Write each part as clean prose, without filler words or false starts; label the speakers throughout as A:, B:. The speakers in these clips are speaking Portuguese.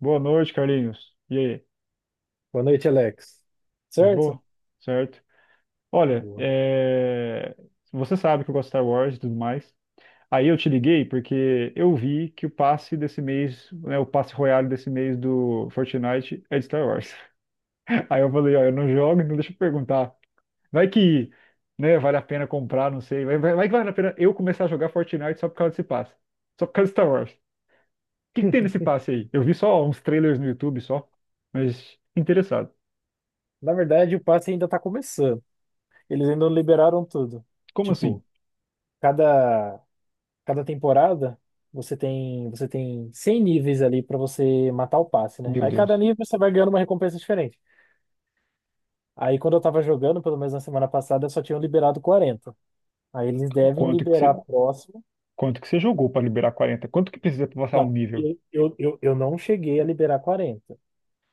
A: Boa noite, Carlinhos. E aí?
B: Boa noite, Alex.
A: De
B: Certo?
A: boa? Certo? Olha,
B: Boa.
A: você sabe que eu gosto de Star Wars e tudo mais. Aí eu te liguei porque eu vi que o passe desse mês, né, o passe Royale desse mês do Fortnite é de Star Wars. Aí eu falei, ó, eu não jogo, então deixa eu perguntar. Vai que, né, vale a pena comprar, não sei. Vai que vale a pena eu começar a jogar Fortnite só por causa desse passe. Só por causa de Star Wars. O que que tem nesse passe aí? Eu vi só uns trailers no YouTube só, mas interessado.
B: Na verdade, o passe ainda tá começando. Eles ainda não liberaram tudo.
A: Como assim?
B: Tipo, cada cada temporada você tem 100 níveis ali pra você matar o passe, né?
A: Meu
B: Aí cada
A: Deus.
B: nível você vai ganhando uma recompensa diferente. Aí quando eu tava jogando, pelo menos na semana passada, só tinham liberado 40. Aí eles devem
A: Quanto que
B: liberar
A: você,
B: próximo.
A: quanto que você jogou para liberar 40? Quanto que precisa para passar um
B: Não,
A: nível?
B: eu não cheguei a liberar 40.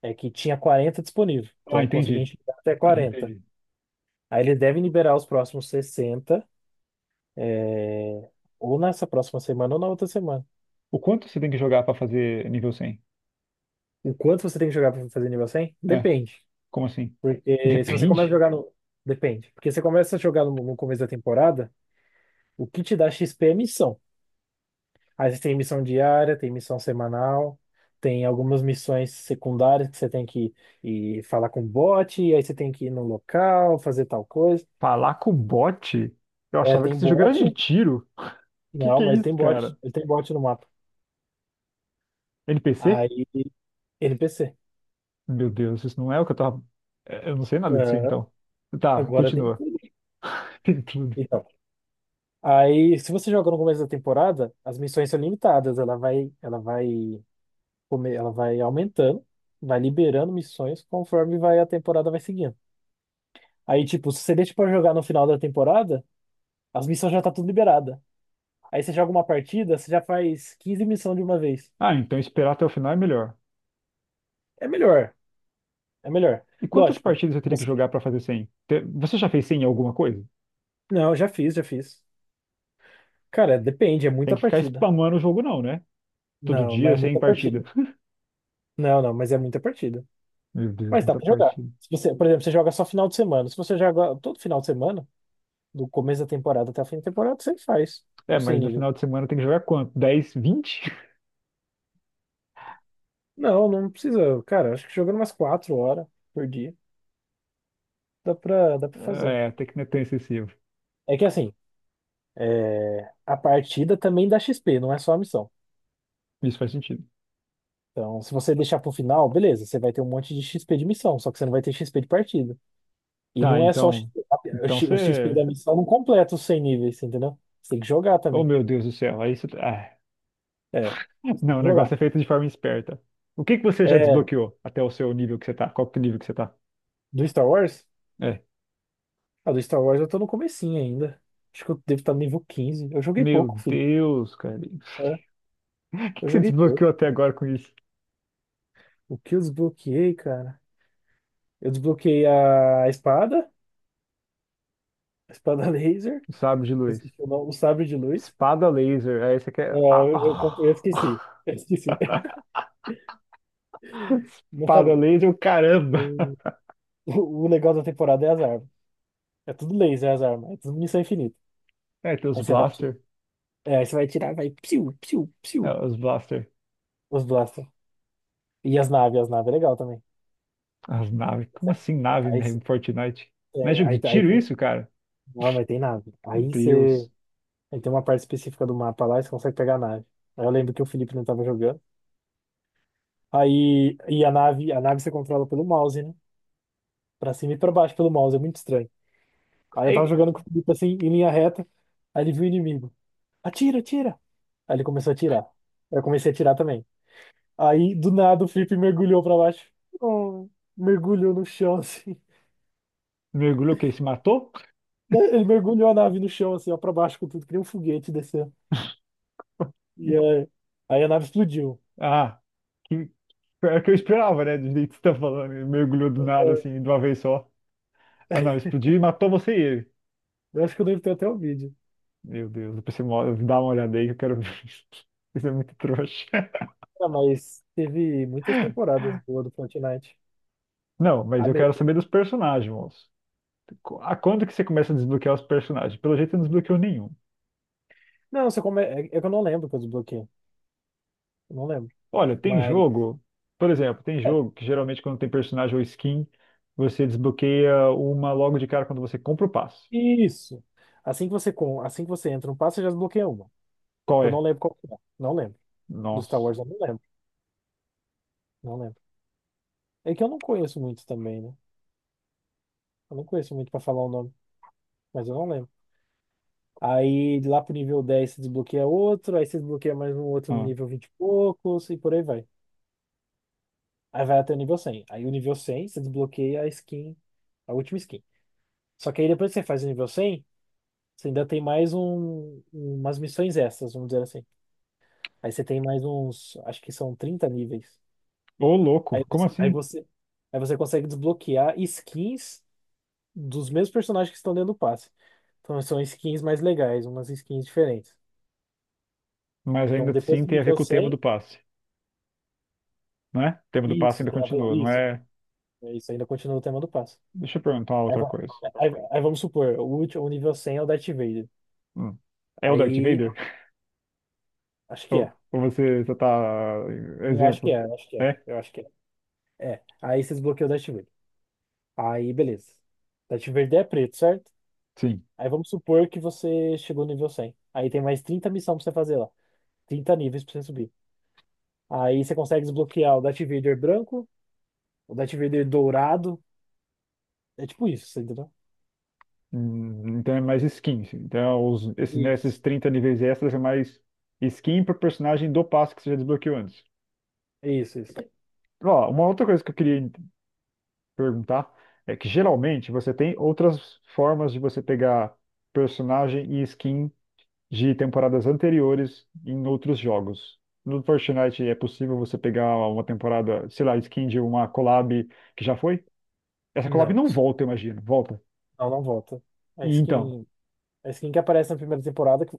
B: É que tinha 40 disponível.
A: Ah,
B: Então consegui
A: entendi.
B: enxergar até
A: Ah,
B: 40.
A: entendi.
B: Aí eles devem liberar os próximos 60 é, ou nessa próxima semana ou na outra semana.
A: O quanto você tem que jogar para fazer nível 100?
B: O quanto você tem que jogar para fazer nível 100?
A: É,
B: Depende.
A: Como assim?
B: Porque se você começa a
A: Depende.
B: jogar no. Depende. Porque você começa a jogar no começo da temporada, o que te dá XP é missão. Aí você tem missão diária, tem missão semanal, tem algumas missões secundárias que você tem que ir falar com o bot, e aí você tem que ir no local, fazer tal coisa.
A: Falar com o bot? Eu
B: É,
A: achava que
B: tem
A: esse jogo era de
B: bot.
A: tiro. Que
B: Não,
A: é
B: mas ele
A: isso,
B: tem bot.
A: cara?
B: Ele tem bot no mapa.
A: NPC?
B: Aí, NPC.
A: Meu Deus, isso não é o que eu tava. Eu não sei nada disso
B: É,
A: então. Tá,
B: agora tem
A: continua.
B: tudo.
A: Tem tudo.
B: Então, aí, se você joga no começo da temporada, as missões são limitadas. Ela vai aumentando, vai liberando missões conforme vai a temporada vai seguindo. Aí, tipo, se você deixa pra jogar no final da temporada, as missões já tá tudo liberada. Aí você joga uma partida, você já faz 15 missões de uma vez.
A: Ah, então esperar até o final é melhor.
B: É melhor, é melhor.
A: E quantas
B: Lógico.
A: partidas eu teria que
B: Você...
A: jogar para fazer 100? Você já fez 100 em alguma coisa?
B: Não, já fiz, já fiz. Cara, depende, é
A: Tem
B: muita
A: que ficar
B: partida.
A: spamando o jogo, não, né? Todo
B: Não, mas é
A: dia sem
B: muita
A: partida.
B: partida. Não, não, mas é muita partida.
A: Meu Deus,
B: Mas dá
A: muita
B: pra jogar.
A: partida.
B: Se você, por exemplo, você joga só final de semana. Se você joga todo final de semana, do começo da temporada até o fim da temporada, você faz
A: É,
B: o 100
A: mas no
B: níveis.
A: final de semana tem que jogar quanto? 10, 20?
B: Não, não precisa. Cara, acho que jogando umas 4 horas por dia, dá pra fazer.
A: É, até que não é tão excessivo.
B: É que assim, é, a partida também dá XP, não é só a missão.
A: Isso faz sentido.
B: Então, se você deixar pro final, beleza, você vai ter um monte de XP de missão, só que você não vai ter XP de partida. E
A: Tá,
B: não é só o
A: então.
B: XP,
A: Então
B: O XP
A: você.
B: da missão não completa os 100 níveis, entendeu? Você tem que jogar
A: Oh,
B: também.
A: meu Deus do céu. Aí você. Ah.
B: É, você tem
A: Não, o
B: que
A: negócio
B: jogar.
A: é feito de forma esperta. O que que você já
B: É.
A: desbloqueou até o seu nível que você tá? Qual que é o nível que você tá?
B: Do Star Wars?
A: É.
B: Ah, do Star Wars eu tô no comecinho ainda. Acho que eu devo estar no nível 15. Eu joguei
A: Meu
B: pouco, filho.
A: Deus, cara. O
B: É,
A: que
B: eu
A: que você
B: joguei pouco.
A: desbloqueou até agora com isso?
B: O que eu desbloqueei, cara? Eu desbloqueei a espada laser,
A: O Sabre de
B: eu
A: luz.
B: esqueci o nome, o sabre de luz.
A: Espada laser. Aí você
B: É,
A: quer. Ah,
B: eu esqueci.
A: ah.
B: Eu esqueci. Mas tá
A: Espada
B: bom.
A: laser, caramba!
B: O, o legal da temporada é as armas. É tudo laser, as armas. É tudo munição infinita.
A: É, tem os
B: Aí você vai, ti-
A: Blaster.
B: Aí você vai tirar, vai piu, piu,
A: É,
B: piu.
A: os Blaster.
B: Os blasters. E as naves é legal também.
A: As naves. Como assim nave
B: Aí,
A: em Fortnite? Não é
B: É,
A: jogo de
B: aí, aí
A: tiro
B: tem,
A: isso, cara?
B: Não, mas tem nave.
A: Meu
B: Aí você.
A: Deus.
B: Aí tem uma parte específica do mapa lá e você consegue pegar a nave. Aí eu lembro que o Felipe não tava jogando. Aí e a nave você controla pelo mouse, né? Pra cima e pra baixo pelo mouse, é muito estranho. Aí eu tava
A: Ei,
B: jogando com o Felipe assim, em linha reta. Aí ele viu o inimigo. Atira, atira! Aí ele começou a atirar. Aí eu comecei a atirar também. Aí do nada o Felipe mergulhou pra baixo. Oh, mergulhou no chão assim.
A: mergulhou o quê? Se matou?
B: Ele mergulhou a nave no chão assim, ó, pra baixo com tudo, que nem um foguete descendo. E aí, aí a nave explodiu.
A: Ah, que pior que eu esperava, né? Do jeito que você tá falando. Ele mergulhou do nada,
B: É,
A: assim, de uma vez só. Ah, não, explodiu e matou você e ele.
B: eu acho que eu devo ter até o vídeo.
A: Meu Deus, depois você dá uma olhada aí que eu quero ver isso. Isso é muito trouxa.
B: Ah, mas teve muitas temporadas boas do Fortnite.
A: Não, mas
B: A
A: eu quero
B: melhor.
A: saber dos personagens, moço. Qu- A quando que você começa a desbloquear os personagens? Pelo jeito, eu não desbloqueou nenhum.
B: Não, só come... é que eu não lembro que eu desbloqueei. Eu não lembro.
A: Olha, tem
B: Mas,
A: jogo, por exemplo, tem
B: é,
A: jogo que geralmente quando tem personagem ou skin, você desbloqueia uma logo de cara quando você compra o passe.
B: isso. Assim que você, com... assim que você entra no passe, você já desbloqueia uma.
A: Qual
B: Eu não
A: é?
B: lembro qual que é. Não lembro. Do Star
A: Nossa.
B: Wars, eu não lembro. Não lembro. É que eu não conheço muito também, né? Eu não conheço muito pra falar o nome, mas eu não lembro. Aí, lá pro nível 10 você desbloqueia outro. Aí, você desbloqueia mais um outro no
A: Ah.
B: nível 20 e poucos. E por aí vai. Aí vai até o nível 100. Aí o nível 100 você desbloqueia a skin, a última skin. Só que aí depois que você faz o nível 100 você ainda tem mais um, umas missões extras, vamos dizer assim. Aí você tem mais uns, acho que são 30 níveis.
A: Ô,
B: Aí,
A: louco, como
B: você- aí
A: assim?
B: você, aí você consegue desbloquear skins dos mesmos personagens que estão dentro do passe. Então são skins mais legais, umas skins diferentes.
A: Mas ainda
B: Então depois
A: assim
B: do
A: tem a ver
B: nível
A: com o tema
B: 100
A: do passe, né? O tema do passe ainda continua, não
B: isso,
A: é?
B: isso ainda continua o tema do passe.
A: Deixa eu perguntar uma
B: Aí,
A: outra
B: va-
A: coisa.
B: aí vamos supor, o último, o nível 100 é o Darth Vader.
A: Hum. É o Darth
B: Aí,
A: Vader?
B: acho que
A: Ou,
B: é.
A: ou você só tá.
B: Eu acho que
A: Exemplo.
B: é, eu acho que é.
A: É?
B: Eu acho que é. É. Aí você desbloqueou o Darth Vader. Aí, beleza. Darth Vader é preto, certo?
A: Sim.
B: Aí vamos supor que você chegou no nível 100. Aí tem mais 30 missões pra você fazer lá. 30 níveis pra você subir. Aí você consegue desbloquear o Darth Vader branco, o Darth Vader dourado. É tipo isso, você entendeu?
A: Então é mais skin, assim. Então é esses, né, esses
B: Isso.
A: 30 níveis extras é mais skin pro personagem do passo que você já desbloqueou antes.
B: Isso, isso.
A: Ó, uma outra coisa que eu queria perguntar é que geralmente você tem outras formas de você pegar personagem e skin de temporadas anteriores em outros jogos. No Fortnite é possível você pegar uma temporada, sei lá, skin de uma collab que já foi? Essa collab
B: Não.
A: não volta, eu imagino. Volta.
B: Não, não volta. A
A: E então.
B: skin. A skin que aparece na primeira temporada, que,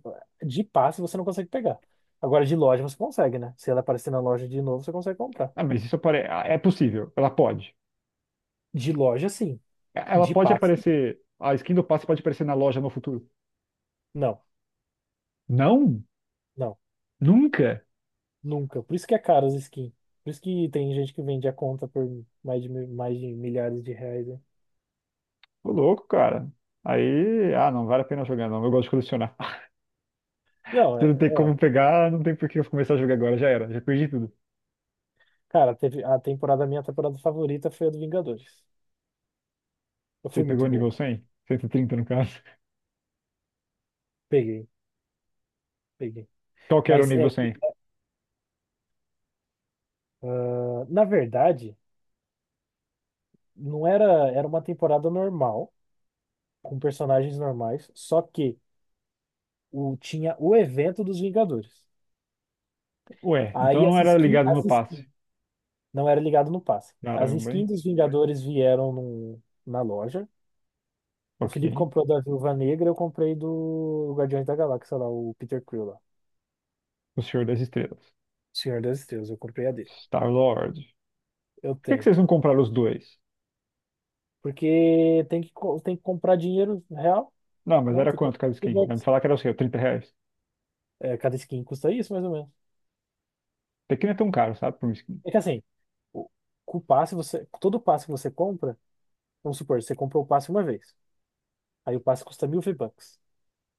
B: de passe você não consegue pegar. Agora, de loja você consegue, né? Se ela aparecer na loja de novo, você consegue comprar.
A: Ah, mas isso ah, é possível.
B: De loja, sim.
A: Ela
B: De
A: pode
B: passe,
A: aparecer. A skin do passe pode aparecer na loja no futuro.
B: não.
A: Não?
B: Não.
A: Nunca?
B: Nunca. Por isso que é caro as skins. Por isso que tem gente que vende a conta por mais de, mais de milhares de reais, né?
A: Ô louco, cara. Aí, ah, não vale a pena jogar, não. Eu gosto de colecionar.
B: Não,
A: Se
B: é,
A: não tem
B: é.
A: como pegar, não tem por que eu começar a jogar agora. Já era, já perdi tudo.
B: Cara, teve a temporada, minha temporada favorita foi a do Vingadores. Eu
A: Você
B: fui
A: pegou
B: muito
A: o
B: bom,
A: nível
B: cara.
A: 100, 130 no caso.
B: Peguei, peguei.
A: Qual que era o
B: Mas
A: nível
B: é que,
A: 100?
B: ah, na verdade, não era, era uma temporada normal, com personagens normais, só que tinha o evento dos Vingadores.
A: Ué, então
B: Aí
A: não
B: as
A: era
B: skins,
A: ligado no passe.
B: não era ligado no passe. As
A: Caramba, hein?
B: skins dos Vingadores vieram na loja. O Felipe
A: Ok.
B: comprou da Viúva Negra, eu comprei do Guardiões da Galáxia lá, o Peter Quill lá.
A: O Senhor das Estrelas.
B: Senhor das Estrelas, eu comprei a dele.
A: Star-Lord.
B: Eu
A: Por que que
B: tenho.
A: vocês não compraram os dois?
B: Porque tem que, tem que comprar dinheiro real,
A: Não, mas
B: né? Tem
A: era
B: que
A: quanto
B: comprar
A: cada skin? Vai me
B: V-Bucks.
A: falar que era o seu, 30 reais.
B: É, cada skin custa isso, mais ou menos.
A: Até que não é tão caro, sabe, por um skin.
B: É que assim, o, com o passe, você, todo passe que você compra, vamos supor, você comprou o passe uma vez. Aí o passe custa 1000 V-Bucks.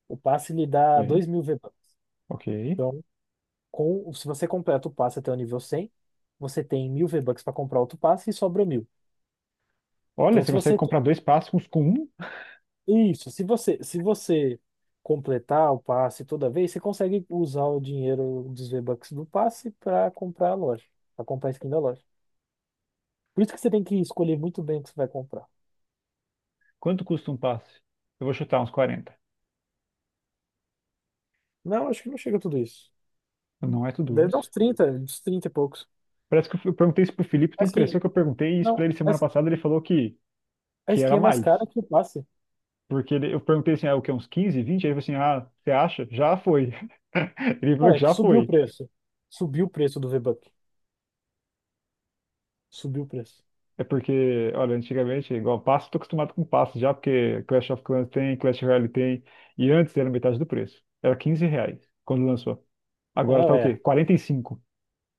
B: O passe lhe dá
A: Ok.
B: 2000 V-Bucks.
A: Ok.
B: Então, com, se você completa o passe até o nível 100, você tem 1000 V-Bucks para comprar outro passe e sobra 1000.
A: Olha,
B: Então,
A: você
B: se
A: consegue
B: você.
A: comprar dois passes com um?
B: Isso, se você completar o passe toda vez, você consegue usar o dinheiro dos V-Bucks do passe para comprar a loja, para comprar a skin da loja. Por isso que você tem que escolher muito bem o que você vai comprar.
A: Quanto custa um passe? Eu vou chutar uns 40.
B: Não, acho que não chega a tudo isso.
A: Não é tudo
B: Deve dar
A: isso.
B: uns 30, uns 30 e poucos.
A: Parece que eu perguntei isso pro Felipe,
B: A
A: tem
B: skin,
A: impressão que eu perguntei isso
B: não,
A: pra ele
B: a
A: semana passada, ele falou que,
B: a
A: que era
B: skin é mais
A: mais.
B: cara que o passe.
A: Porque eu perguntei assim, ah, o que, uns 15, 20? Aí ele falou assim, ah, você acha? Já foi. Ele falou
B: Não,
A: que
B: é que
A: já
B: subiu o
A: foi.
B: preço. Subiu o preço do V-Buck. Subiu o preço.
A: É porque, olha, antigamente, igual passe, tô acostumado com passe já, porque Clash of Clans tem, Clash Royale tem, e antes era metade do preço. Era 15 reais quando lançou.
B: Ah,
A: Agora tá o quê?
B: é.
A: 45.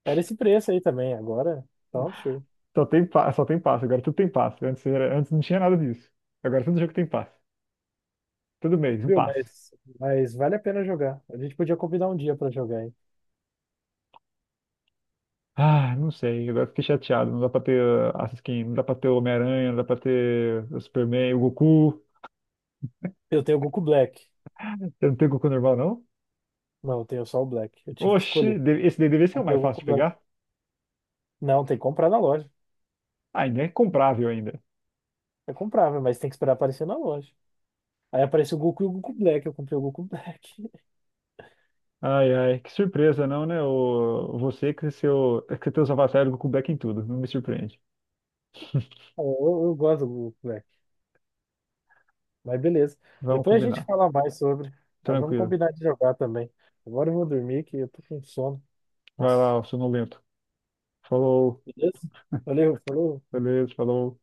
B: Era esse preço aí também. Agora tá um absurdo.
A: Só tem passe, agora tudo tem passe. Antes, antes não tinha nada disso. Agora todo jogo tem passe. Todo mês, um
B: Viu?
A: passe.
B: Mas vale a pena jogar. A gente podia combinar um dia pra jogar, hein?
A: Ah, não sei, agora fiquei chateado. Não dá pra ter skin, não dá pra ter o Homem-Aranha, não dá pra ter o Superman, o Goku.
B: Eu tenho o Goku Black.
A: Você não tem o Goku normal, não?
B: Não, eu tenho só o Black. Eu tive que
A: Oxi,
B: escolher.
A: esse daí deve ser o
B: Comprei
A: mais
B: o
A: fácil
B: Goku
A: de
B: Black.
A: pegar.
B: Não, tem que comprar na loja.
A: Ah, ainda é comprável ainda.
B: É comprável, mas tem que esperar aparecer na loja. Aí aparece o Goku e o Goku Black. Eu comprei o Goku Black.
A: Ai, ai, que surpresa, não, né? O, você que teus avatares do Goku Black em tudo, não me surpreende.
B: Eu, eu gosto do Goku Black. Mas beleza.
A: Vamos
B: Depois a gente
A: combinar.
B: fala mais sobre. Mas vamos
A: Tranquilo.
B: combinar de jogar também. Agora eu vou dormir que eu tô com sono.
A: Vai
B: Nossa.
A: lá, sonolento. Falou,
B: Beleza? Valeu, falou.
A: beleza, falou.